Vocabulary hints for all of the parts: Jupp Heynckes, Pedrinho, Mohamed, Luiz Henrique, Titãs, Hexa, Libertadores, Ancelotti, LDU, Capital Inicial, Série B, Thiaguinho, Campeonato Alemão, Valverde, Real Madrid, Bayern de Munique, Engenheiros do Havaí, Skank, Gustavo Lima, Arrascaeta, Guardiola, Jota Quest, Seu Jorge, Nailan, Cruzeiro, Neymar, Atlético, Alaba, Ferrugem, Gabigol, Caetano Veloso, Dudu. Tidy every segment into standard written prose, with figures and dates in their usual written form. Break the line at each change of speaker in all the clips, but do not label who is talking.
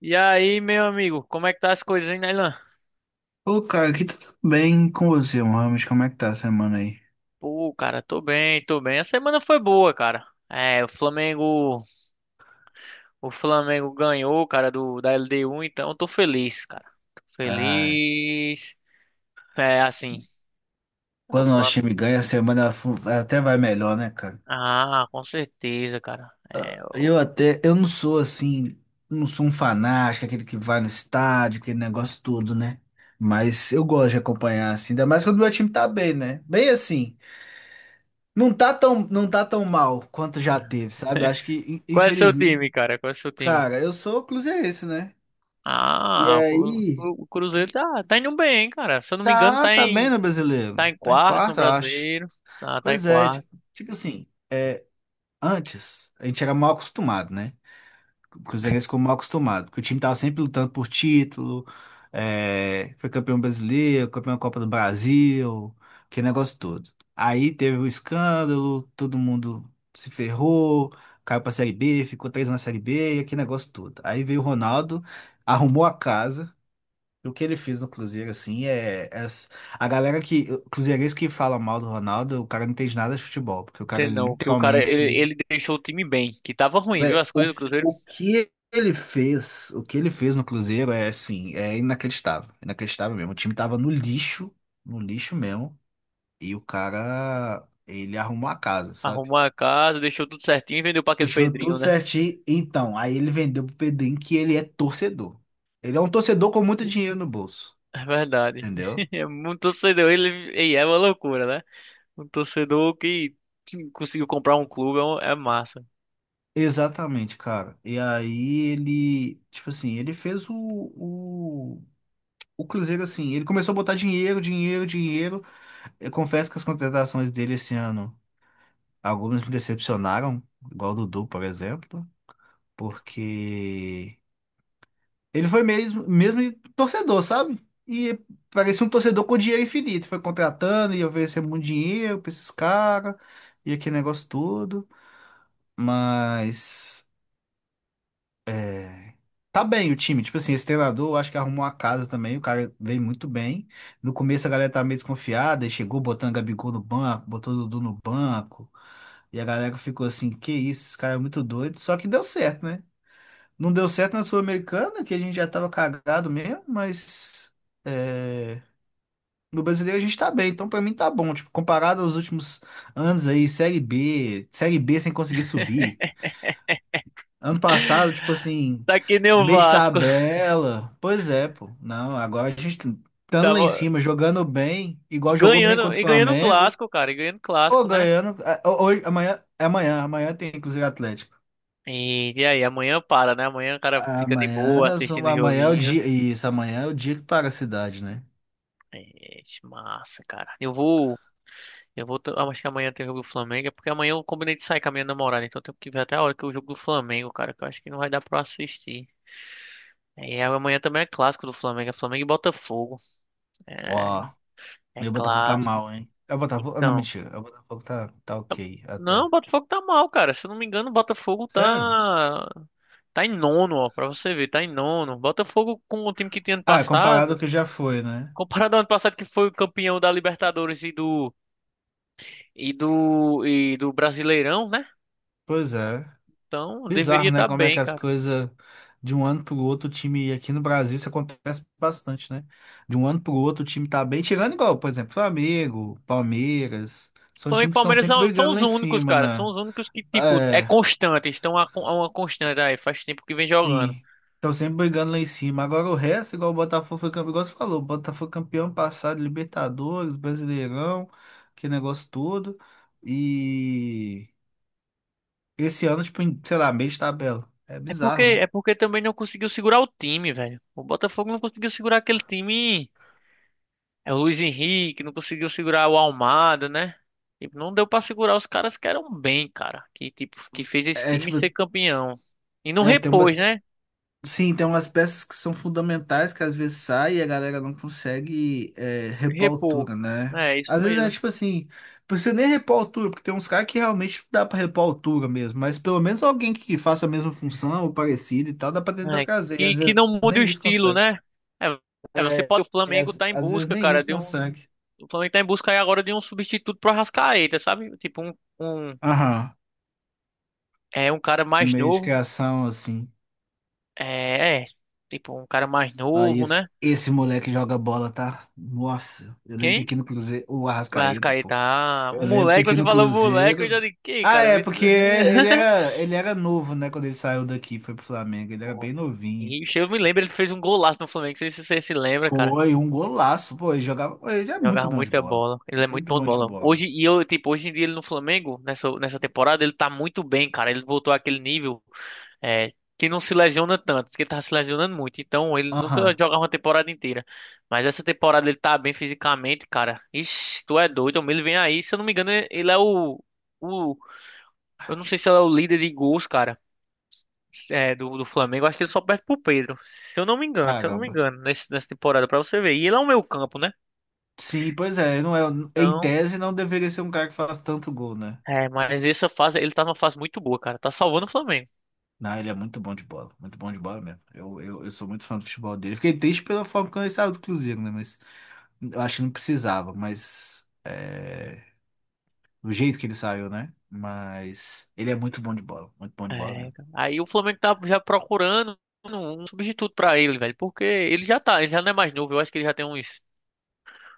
E aí, meu amigo, como é que tá as coisas, hein, Nailan?
Ô, cara, aqui tá tudo bem com você, Mohamed? Como é que tá a semana aí?
Pô, cara, tô bem, tô bem. A semana foi boa, cara. É, o Flamengo ganhou, cara, do da LDU, então eu tô feliz, cara. Tô
Ah,
feliz. É, assim, é o
quando o nosso
Flamengo.
time ganha, a semana até vai melhor, né, cara?
Ah, com certeza, cara.
Eu não sou assim, não sou um fanático, aquele que vai no estádio, aquele negócio todo, né? Mas eu gosto de acompanhar, assim, ainda mais quando o meu time tá bem, né? Bem assim, não tá tão mal quanto já teve, sabe? Acho que,
Qual é o seu
infelizmente,
time, cara? Qual é o seu time?
cara, eu sou cruzeirense, né? E aí,
O Cruzeiro
que-
tá indo bem, hein, cara. Se eu não me engano,
tá,
tá
tá bem
em
no
tá
brasileiro,
em
tá em
quarto no
quarto, eu acho.
Brasileiro. Ah, tá em
Pois é,
quarto.
tipo assim, é, antes a gente era mal acostumado, né? O cruzeirense ficou mal acostumado, porque o time tava sempre lutando por título, é, foi campeão brasileiro, campeão da Copa do Brasil, aquele negócio todo. Aí teve o escândalo, todo mundo se ferrou, caiu pra Série B, ficou três na Série B, e aquele negócio todo. Aí veio o Ronaldo, arrumou a casa, o que ele fez no Cruzeiro, assim. A galera que. Cruzeirense que fala mal do Ronaldo, o cara não entende nada de futebol, porque o
Tem
cara
não, que o cara, ele,
literalmente.
ele deixou o time bem, que tava ruim, viu? As coisas do Cruzeiro.
O que ele fez no Cruzeiro é, assim, é inacreditável. Inacreditável mesmo. O time tava no lixo, no lixo mesmo, e o cara. Ele arrumou a casa, sabe?
Arrumou a casa, deixou tudo certinho e vendeu pra aquele
Deixou tudo
Pedrinho, né?
certinho. Então, aí ele vendeu pro Pedrinho, que ele é torcedor. Ele é um torcedor com muito dinheiro no bolso,
É verdade.
entendeu?
É um torcedor, ele, e é uma loucura, né? Um torcedor que conseguiu comprar um clube, é massa.
Exatamente, cara. E aí ele, tipo assim, ele fez o Cruzeiro assim, ele começou a botar dinheiro, dinheiro, dinheiro. Eu confesso que as contratações dele esse ano, algumas me decepcionaram, igual o Dudu, por exemplo, porque ele foi mesmo, mesmo torcedor, sabe? E parecia um torcedor com dinheiro infinito, foi contratando e oferecendo muito dinheiro pra esses caras, e aquele negócio todo, mas. É, tá bem o time, tipo assim, esse treinador eu acho que arrumou a casa também, o cara veio muito bem. No começo a galera tava meio desconfiada, e chegou botando Gabigol no banco, botou o Dudu no banco, e a galera ficou assim, que isso, esse cara é muito doido, só que deu certo, né? Não deu certo na Sul-Americana, que a gente já tava cagado mesmo, mas é, no brasileiro a gente tá bem, então pra mim tá bom, tipo, comparado aos últimos anos aí, Série B, Série B sem conseguir subir, ano passado, tipo assim,
Tá que nem o
meio de
Vasco.
tabela. Pois é, pô. Não, agora a gente estando lá em
Tava
cima, jogando bem,
e
igual jogou bem
ganhando,
contra o
e ganhando o
Flamengo,
clássico, cara, e ganhando o
ou
clássico, né?
ganhando. Hoje, amanhã, é amanhã, amanhã tem inclusive Atlético.
E aí, amanhã para, né? Amanhã o cara fica de boa assistindo o
Amanhã é o
joguinho.
dia. Isso, amanhã é o dia que para a cidade, né?
Ixi, massa, cara. Eu vou, t- ah, acho que amanhã tem o jogo do Flamengo, é porque amanhã eu combinei de sair com a minha namorada, então eu tenho que ver até a hora que é o jogo do Flamengo, cara, que eu acho que não vai dar pra eu assistir. É, e amanhã também é clássico do Flamengo, é Flamengo e Botafogo. É,
Ó,
é
e o Botafogo tá
clássico.
mal, hein? É o Botafogo. Não,
Então,
mentira. O Botafogo tá
tá,
ok
não, o
até.
Botafogo tá mal, cara. Se eu não me engano, o Botafogo
Sério?
tá em nono, ó, pra você ver, tá em nono. Botafogo com o time que tinha ano
Ah, é comparado ao
passado,
que já foi, né?
comparado ao ano passado que foi o campeão da Libertadores e do Brasileirão, né?
Pois é.
Então,
Bizarro,
deveria
né?
estar
Como é que
bem,
as
cara.
coisas de um ano pro outro, o time aqui no Brasil, isso acontece bastante, né? De um ano pro outro, o time tá bem, tirando igual, por exemplo, Flamengo, Palmeiras, são
Flamengo e
times que estão
Palmeiras
sempre
são
brigando
os
lá em
únicos,
cima,
cara. São
né?
os únicos que, tipo, é
É,
constante. Estão a uma constante aí. Faz tempo que vem jogando.
sim, estão sempre brigando lá em cima. Agora o resto, igual o Botafogo foi campeão, igual você falou, o Botafogo foi campeão passado, Libertadores, Brasileirão, que negócio todo. E esse ano, tipo, sei lá, meio de tabela. É
É porque,
bizarro, né?
é porque também não conseguiu segurar o time, velho. O Botafogo não conseguiu segurar aquele time. É o Luiz Henrique, não conseguiu segurar o Almada, né? Tipo, não deu pra segurar os caras que eram bem, cara. Que, tipo, que fez esse
É
time ser
tipo,
campeão. E não
é, tem umas.
repôs, né?
Sim, tem umas peças que são fundamentais que às vezes sai e a galera não consegue repor a
Repor.
altura, né?
É, isso
Às vezes é
mesmo.
tipo assim, não precisa nem repor a altura, porque tem uns caras que realmente não dá pra repor a altura mesmo, mas pelo menos alguém que faça a mesma função ou parecido e tal, dá pra tentar
É,
trazer, e
que,
às
que
vezes
não mude o
nem isso
estilo,
consegue.
né? É, você
É,
pode. O Flamengo
às,
tá em
às vezes
busca,
nem
cara,
isso
de um.
consegue.
O Flamengo tá em busca aí agora de um substituto pro Arrascaeta, sabe? Tipo, um,
Aham,
um cara
um
mais
meio de
novo.
criação assim.
É, é, tipo, um cara mais
Aí
novo,
esse,
né?
esse moleque joga bola, tá? Nossa, eu lembro que
Quem?
aqui no Cruzeiro, o
O
Arrascaeta,
Arrascaeta.
pô.
Ah, o
Eu lembro que
moleque,
aqui
você
no
falou moleque, eu já
Cruzeiro.
digo, quem,
Ah,
cara?
é, porque ele era, ele era novo, né? Quando ele saiu daqui, foi pro Flamengo. Ele era
Foi.
bem novinho.
Ixi, eu me lembro, ele fez um golaço no Flamengo, não sei se você se lembra.
Foi um golaço, pô. Ele jogava. Pô, ele é muito
Jogava
bom de
muita
bola.
bola. Ele é muito
Muito
bom de
bom de
bola.
bola.
Hoje, e eu, tipo, hoje em dia ele no Flamengo, nessa temporada, ele tá muito bem, cara. Ele voltou àquele nível é, que não se lesiona tanto, porque ele tava se lesionando muito. Então, ele nunca
Aham.
jogava uma temporada inteira. Mas essa temporada ele tá bem fisicamente, cara. Ixi, tu é doido. Homem, ele vem aí, se eu não me engano, ele é o. Eu não sei se ele é o líder de gols, cara, do Flamengo. Acho que ele só perde pro Pedro. Se eu não me engano, se eu não me
Caramba.
engano, nessa temporada, pra você ver. E ele é o meio campo, né?
Sim, pois é. Não é, em
Então.
tese, não deveria ser um cara que faz tanto gol, né?
É, mas essa fase, ele tá numa fase muito boa, cara. Tá salvando o Flamengo.
Não, ele é muito bom de bola. Muito bom de bola mesmo. Eu sou muito fã do futebol dele. Fiquei triste pela forma como ele saiu do Cruzeiro, né? Mas eu acho que não precisava. Do jeito que ele saiu, né? Mas ele é muito bom de bola, muito bom de bola
É,
mesmo.
cara, aí o Flamengo tá já procurando um substituto pra ele, velho. Porque ele já não é mais novo. Eu acho que ele já tem uns.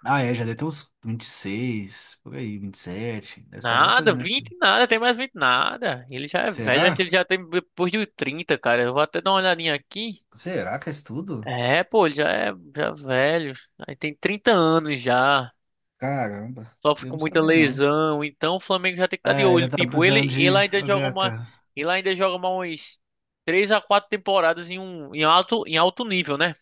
Ah, é, já deve ter uns 26, por aí, 27, deve ser alguma coisa
Nada, 20
nessas.
nada, tem mais 20 nada. Ele já é velho,
Será?
acho que ele já tem depois de 30, cara. Eu vou até dar uma olhadinha aqui.
Será que é isso tudo?
É, pô, ele já é velho. Aí tem 30 anos já.
Caramba,
Sofre
eu
com
não
muita
sabia, não.
lesão, então o Flamengo já tem que estar de
É, já
olho.
tá
Tipo, ele,
precisando de.
ele ainda
Ô,
joga uma,
gata.
ele ainda joga mais umas 3 a 4 temporadas em alto nível, né?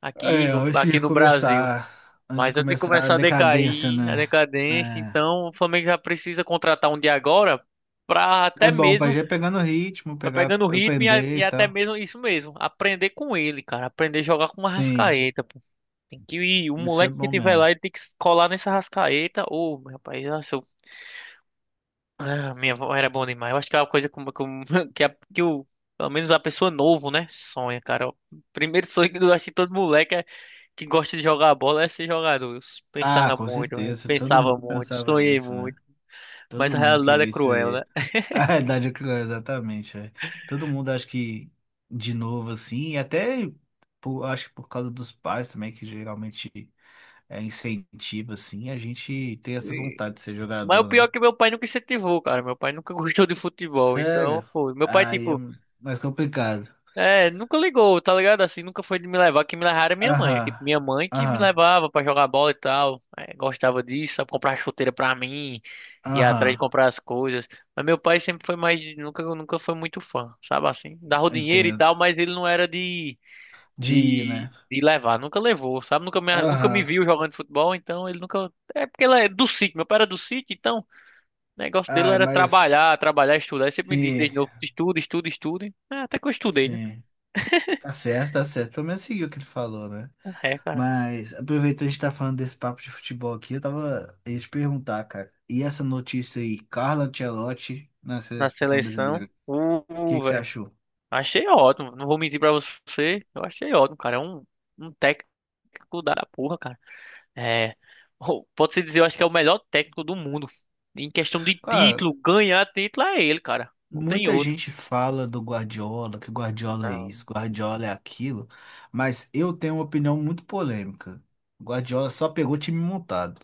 É, antes
Aqui
de
no Brasil.
começar, antes de
Mas antes de
começar a
começar a
decadência,
decair, a
né?
decadência,
É,
então o Flamengo já precisa contratar um de agora para até
é bom pra
mesmo
já ir pegando o ritmo,
pra pegando o ritmo
aprender
e
e
até
tal.
mesmo isso mesmo, aprender com ele, cara, aprender a jogar com uma
Sim,
Arrascaeta, pô. Tem que ir, o
isso é
moleque que
bom
tiver
mesmo.
lá, ele tem que colar nessa Arrascaeta, ô, meu rapaz. Ah, minha avó era bom demais. Eu acho que é uma coisa que, a, que o, pelo menos a pessoa novo, né? Sonha, cara. O primeiro sonho que eu acho que todo moleque que gosta de jogar bola é ser jogador. Eu s-
Ah,
pensava
com
muito, né?
certeza, todo
Pensava
mundo
muito,
pensava
sonhei
nisso, né?
muito. Mas
Todo
a
mundo
realidade é
queria
cruel, né?
ser A realidade é que não é exatamente, é. Todo mundo acha que, de novo, assim, e até acho que por causa dos pais também, que geralmente incentiva, assim, a gente tem essa
E-
vontade de ser
mas o
jogador,
pior é
né?
que meu pai nunca incentivou, cara. Meu pai nunca gostou de futebol. Então,
Sério?
pô, meu pai,
Aí é
tipo.
mais complicado.
É, nunca ligou, tá ligado? Assim, nunca foi de me levar. Quem me levava era minha mãe.
Aham,
Tipo, minha mãe que me
aham,
levava pra jogar bola e tal. É, gostava disso, sabe? Comprar chuteira pra mim, ia
aham,
atrás de comprar as coisas. Mas meu pai sempre foi mais. Nunca foi muito fã, sabe assim? Dava o dinheiro e
entendo.
tal, mas ele não era de,
De ir, né?
de, de levar. Nunca levou, sabe? Nunca me
Aham.
viu jogando futebol, então ele nunca. É porque ele é do sítio, meu pai era do sítio, então o negócio dele
Ah,
era
mas
trabalhar, trabalhar, estudar. Ele sempre me disse
sim,
desde novo: estuda, estuda, estuda. É, até que eu estudei, né?
sim. Tá certo, tá certo. Pelo menos seguiu o que ele falou, né?
Ah, é, cara.
Mas aproveitando a gente tá falando desse papo de futebol aqui, eu tava ia te perguntar, cara. E essa notícia aí, Carlo Ancelotti na
Na
seleção
seleção.
brasileira, o que que você
Velho.
achou?
Achei ótimo. Não vou mentir pra você. Eu achei ótimo, cara. É um técnico da porra, cara. É. Pode-se dizer, eu acho que é o melhor técnico do mundo. Em questão de
Cara,
título, ganhar título é ele, cara. Não tem
muita
outro.
gente fala do Guardiola, que Guardiola é
Não.
isso, Guardiola é aquilo, mas eu tenho uma opinião muito polêmica. Guardiola só pegou time montado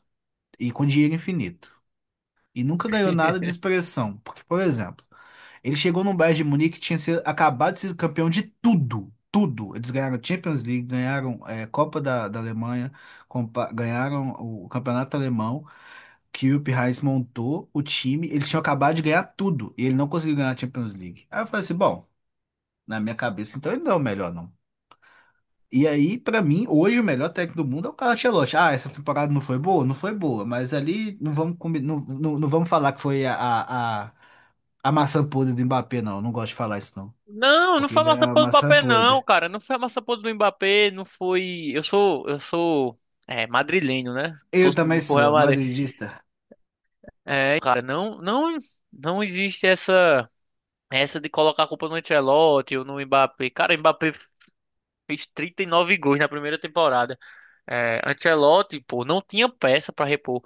e com dinheiro infinito. E nunca ganhou nada de expressão. Porque, por exemplo, ele chegou num Bayern de Munique que acabado de ser campeão de tudo. Tudo. Eles ganharam Champions League, ganharam Copa da Alemanha, ganharam o Campeonato Alemão, que o Jupp Heynckes montou o time. Eles tinham acabado de ganhar tudo e ele não conseguiu ganhar a Champions League. Aí eu falei assim, bom, na minha cabeça, então ele não é o melhor, não. E aí, pra mim, hoje o melhor técnico do mundo é o Carlo Ancelotti. Ah, essa temporada não foi boa? Não foi boa, mas ali não vamos, não, não, não vamos falar que foi a a maçã podre do Mbappé, não. Não gosto de falar isso, não.
Não, não
Porque
foi a
ele é
massa
a
podre do
maçã
Mbappé, não,
podre.
cara. Não foi a massa podre do Mbappé, não foi. Eu sou madrileno, né? Tô
Eu também
pro Real
sou
Madrid.
madridista.
É, cara, não, não, não existe essa. Essa de colocar a culpa no Ancelotti ou no Mbappé. Cara, o Mbappé fez 39 gols na primeira temporada. É, Ancelotti, pô, não tinha peça pra repor.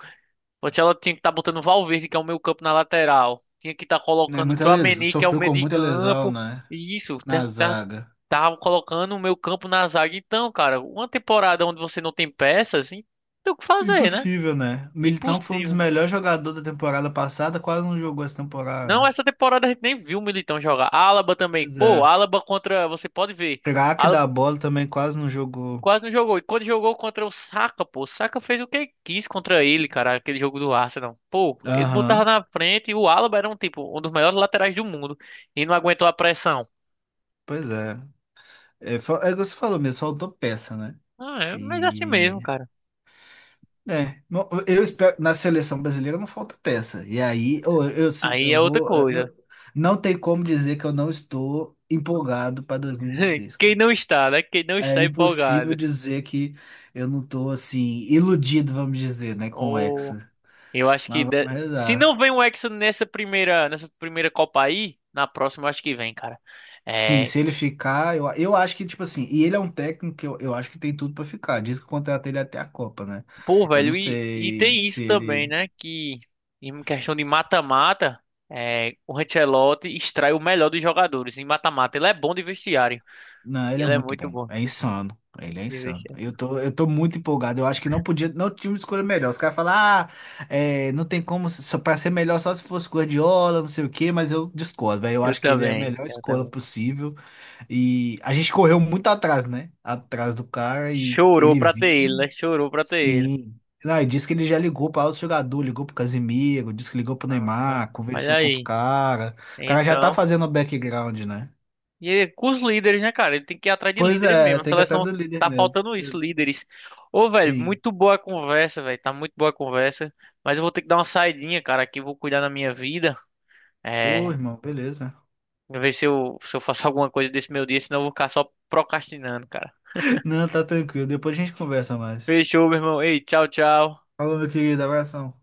O Ancelotti tinha que estar botando Valverde, que é o meio campo na lateral. Tinha que estar
É
colocando
muita lesão.
Tchouaméni, que é o
Sofreu
meio
com
de
muita lesão,
campo.
né?
E isso, tá,
Na
tá-
zaga.
Tava colocando o meio campo na zaga. Então, cara, uma temporada onde você não tem peças, assim, tem o que fazer, né?
Impossível, né? O Militão foi um dos
Impossível.
melhores jogadores da temporada passada, quase não jogou essa
Não,
temporada.
essa temporada a gente nem viu o Militão jogar. Alaba também.
Pois
Pô,
é.
Alaba contra, você pode ver.
Craque da bola também quase não jogou.
Quase não jogou. E quando jogou contra o Saka, pô, o Saka fez o que quis contra ele, cara, aquele jogo do Arsenal. Pô, ele botava
Aham,
na frente e o Alaba era um tipo, um dos melhores laterais do mundo e não aguentou a pressão.
pois é. É, é o que você falou mesmo, faltou peça, né?
Ah, é, mas é assim mesmo,
E
cara.
É, não, eu espero, na seleção brasileira não falta peça. E aí, eu, sin-
Aí é
eu
outra
vou. Eu
coisa.
não, não tem como dizer que eu não estou empolgado para dois mil e vinte e seis,
Quem
cara.
não está, né? Quem não
É
está
impossível
empolgado.
dizer que eu não estou, assim, iludido, vamos dizer, né, com o
Ou
Hexa.
eu acho que
Mas vamos
se não
rezar.
vem o Hexa nessa primeira Copa aí, na próxima eu acho que vem, cara.
Sim,
É,
se ele ficar, eu acho que, tipo assim, e ele é um técnico que eu acho que tem tudo para ficar. Diz que o contrato ele é até a Copa, né?
pô,
Eu não
velho, e
sei
tem isso
se
também,
ele.
né? Que em questão de mata-mata, o Ancelotti extrai o melhor dos jogadores. Em mata-mata, ele é bom de vestiário.
Não, ele é
Ele é
muito
muito
bom.
bom
É insano. Ele é
de
insano. Eu
vestiário.
tô, eu tô muito empolgado. Eu acho que não podia, não tinha uma escolha melhor. Os caras falam, não tem como, só pra ser melhor só se fosse Guardiola, não sei o quê, mas eu discordo, velho. Eu
Eu
acho que ele é a
também,
melhor
eu
escolha
também.
possível. E a gente correu muito atrás, né? Atrás do cara e
Chorou
ele
pra ter ele,
vinha,
né? Chorou pra ter ele.
sim. Não, e disse que ele já ligou para outro jogador, ligou pro Casemiro, disse que ligou pro
Ah,
Neymar,
olha
conversou com os
aí.
caras. O cara já tá
Então,
fazendo o background, né?
e é com os líderes, né, cara? Ele tem que ir atrás de
Pois
líderes
é,
mesmo. A
tem que até
seleção
do líder
tá
mesmo.
faltando isso, líderes. Ô, velho,
Sim.
muito boa a conversa, velho. Tá muito boa a conversa. Mas eu vou ter que dar uma saidinha, cara, aqui. Vou cuidar da minha vida.
Ô,
É,
irmão, beleza.
ver se eu faço alguma coisa desse meu dia, senão eu vou ficar só procrastinando, cara.
Não, tá tranquilo. Depois a gente conversa mais.
Fechou, meu irmão. Ei, tchau, tchau.
Falou, meu querido. Abração.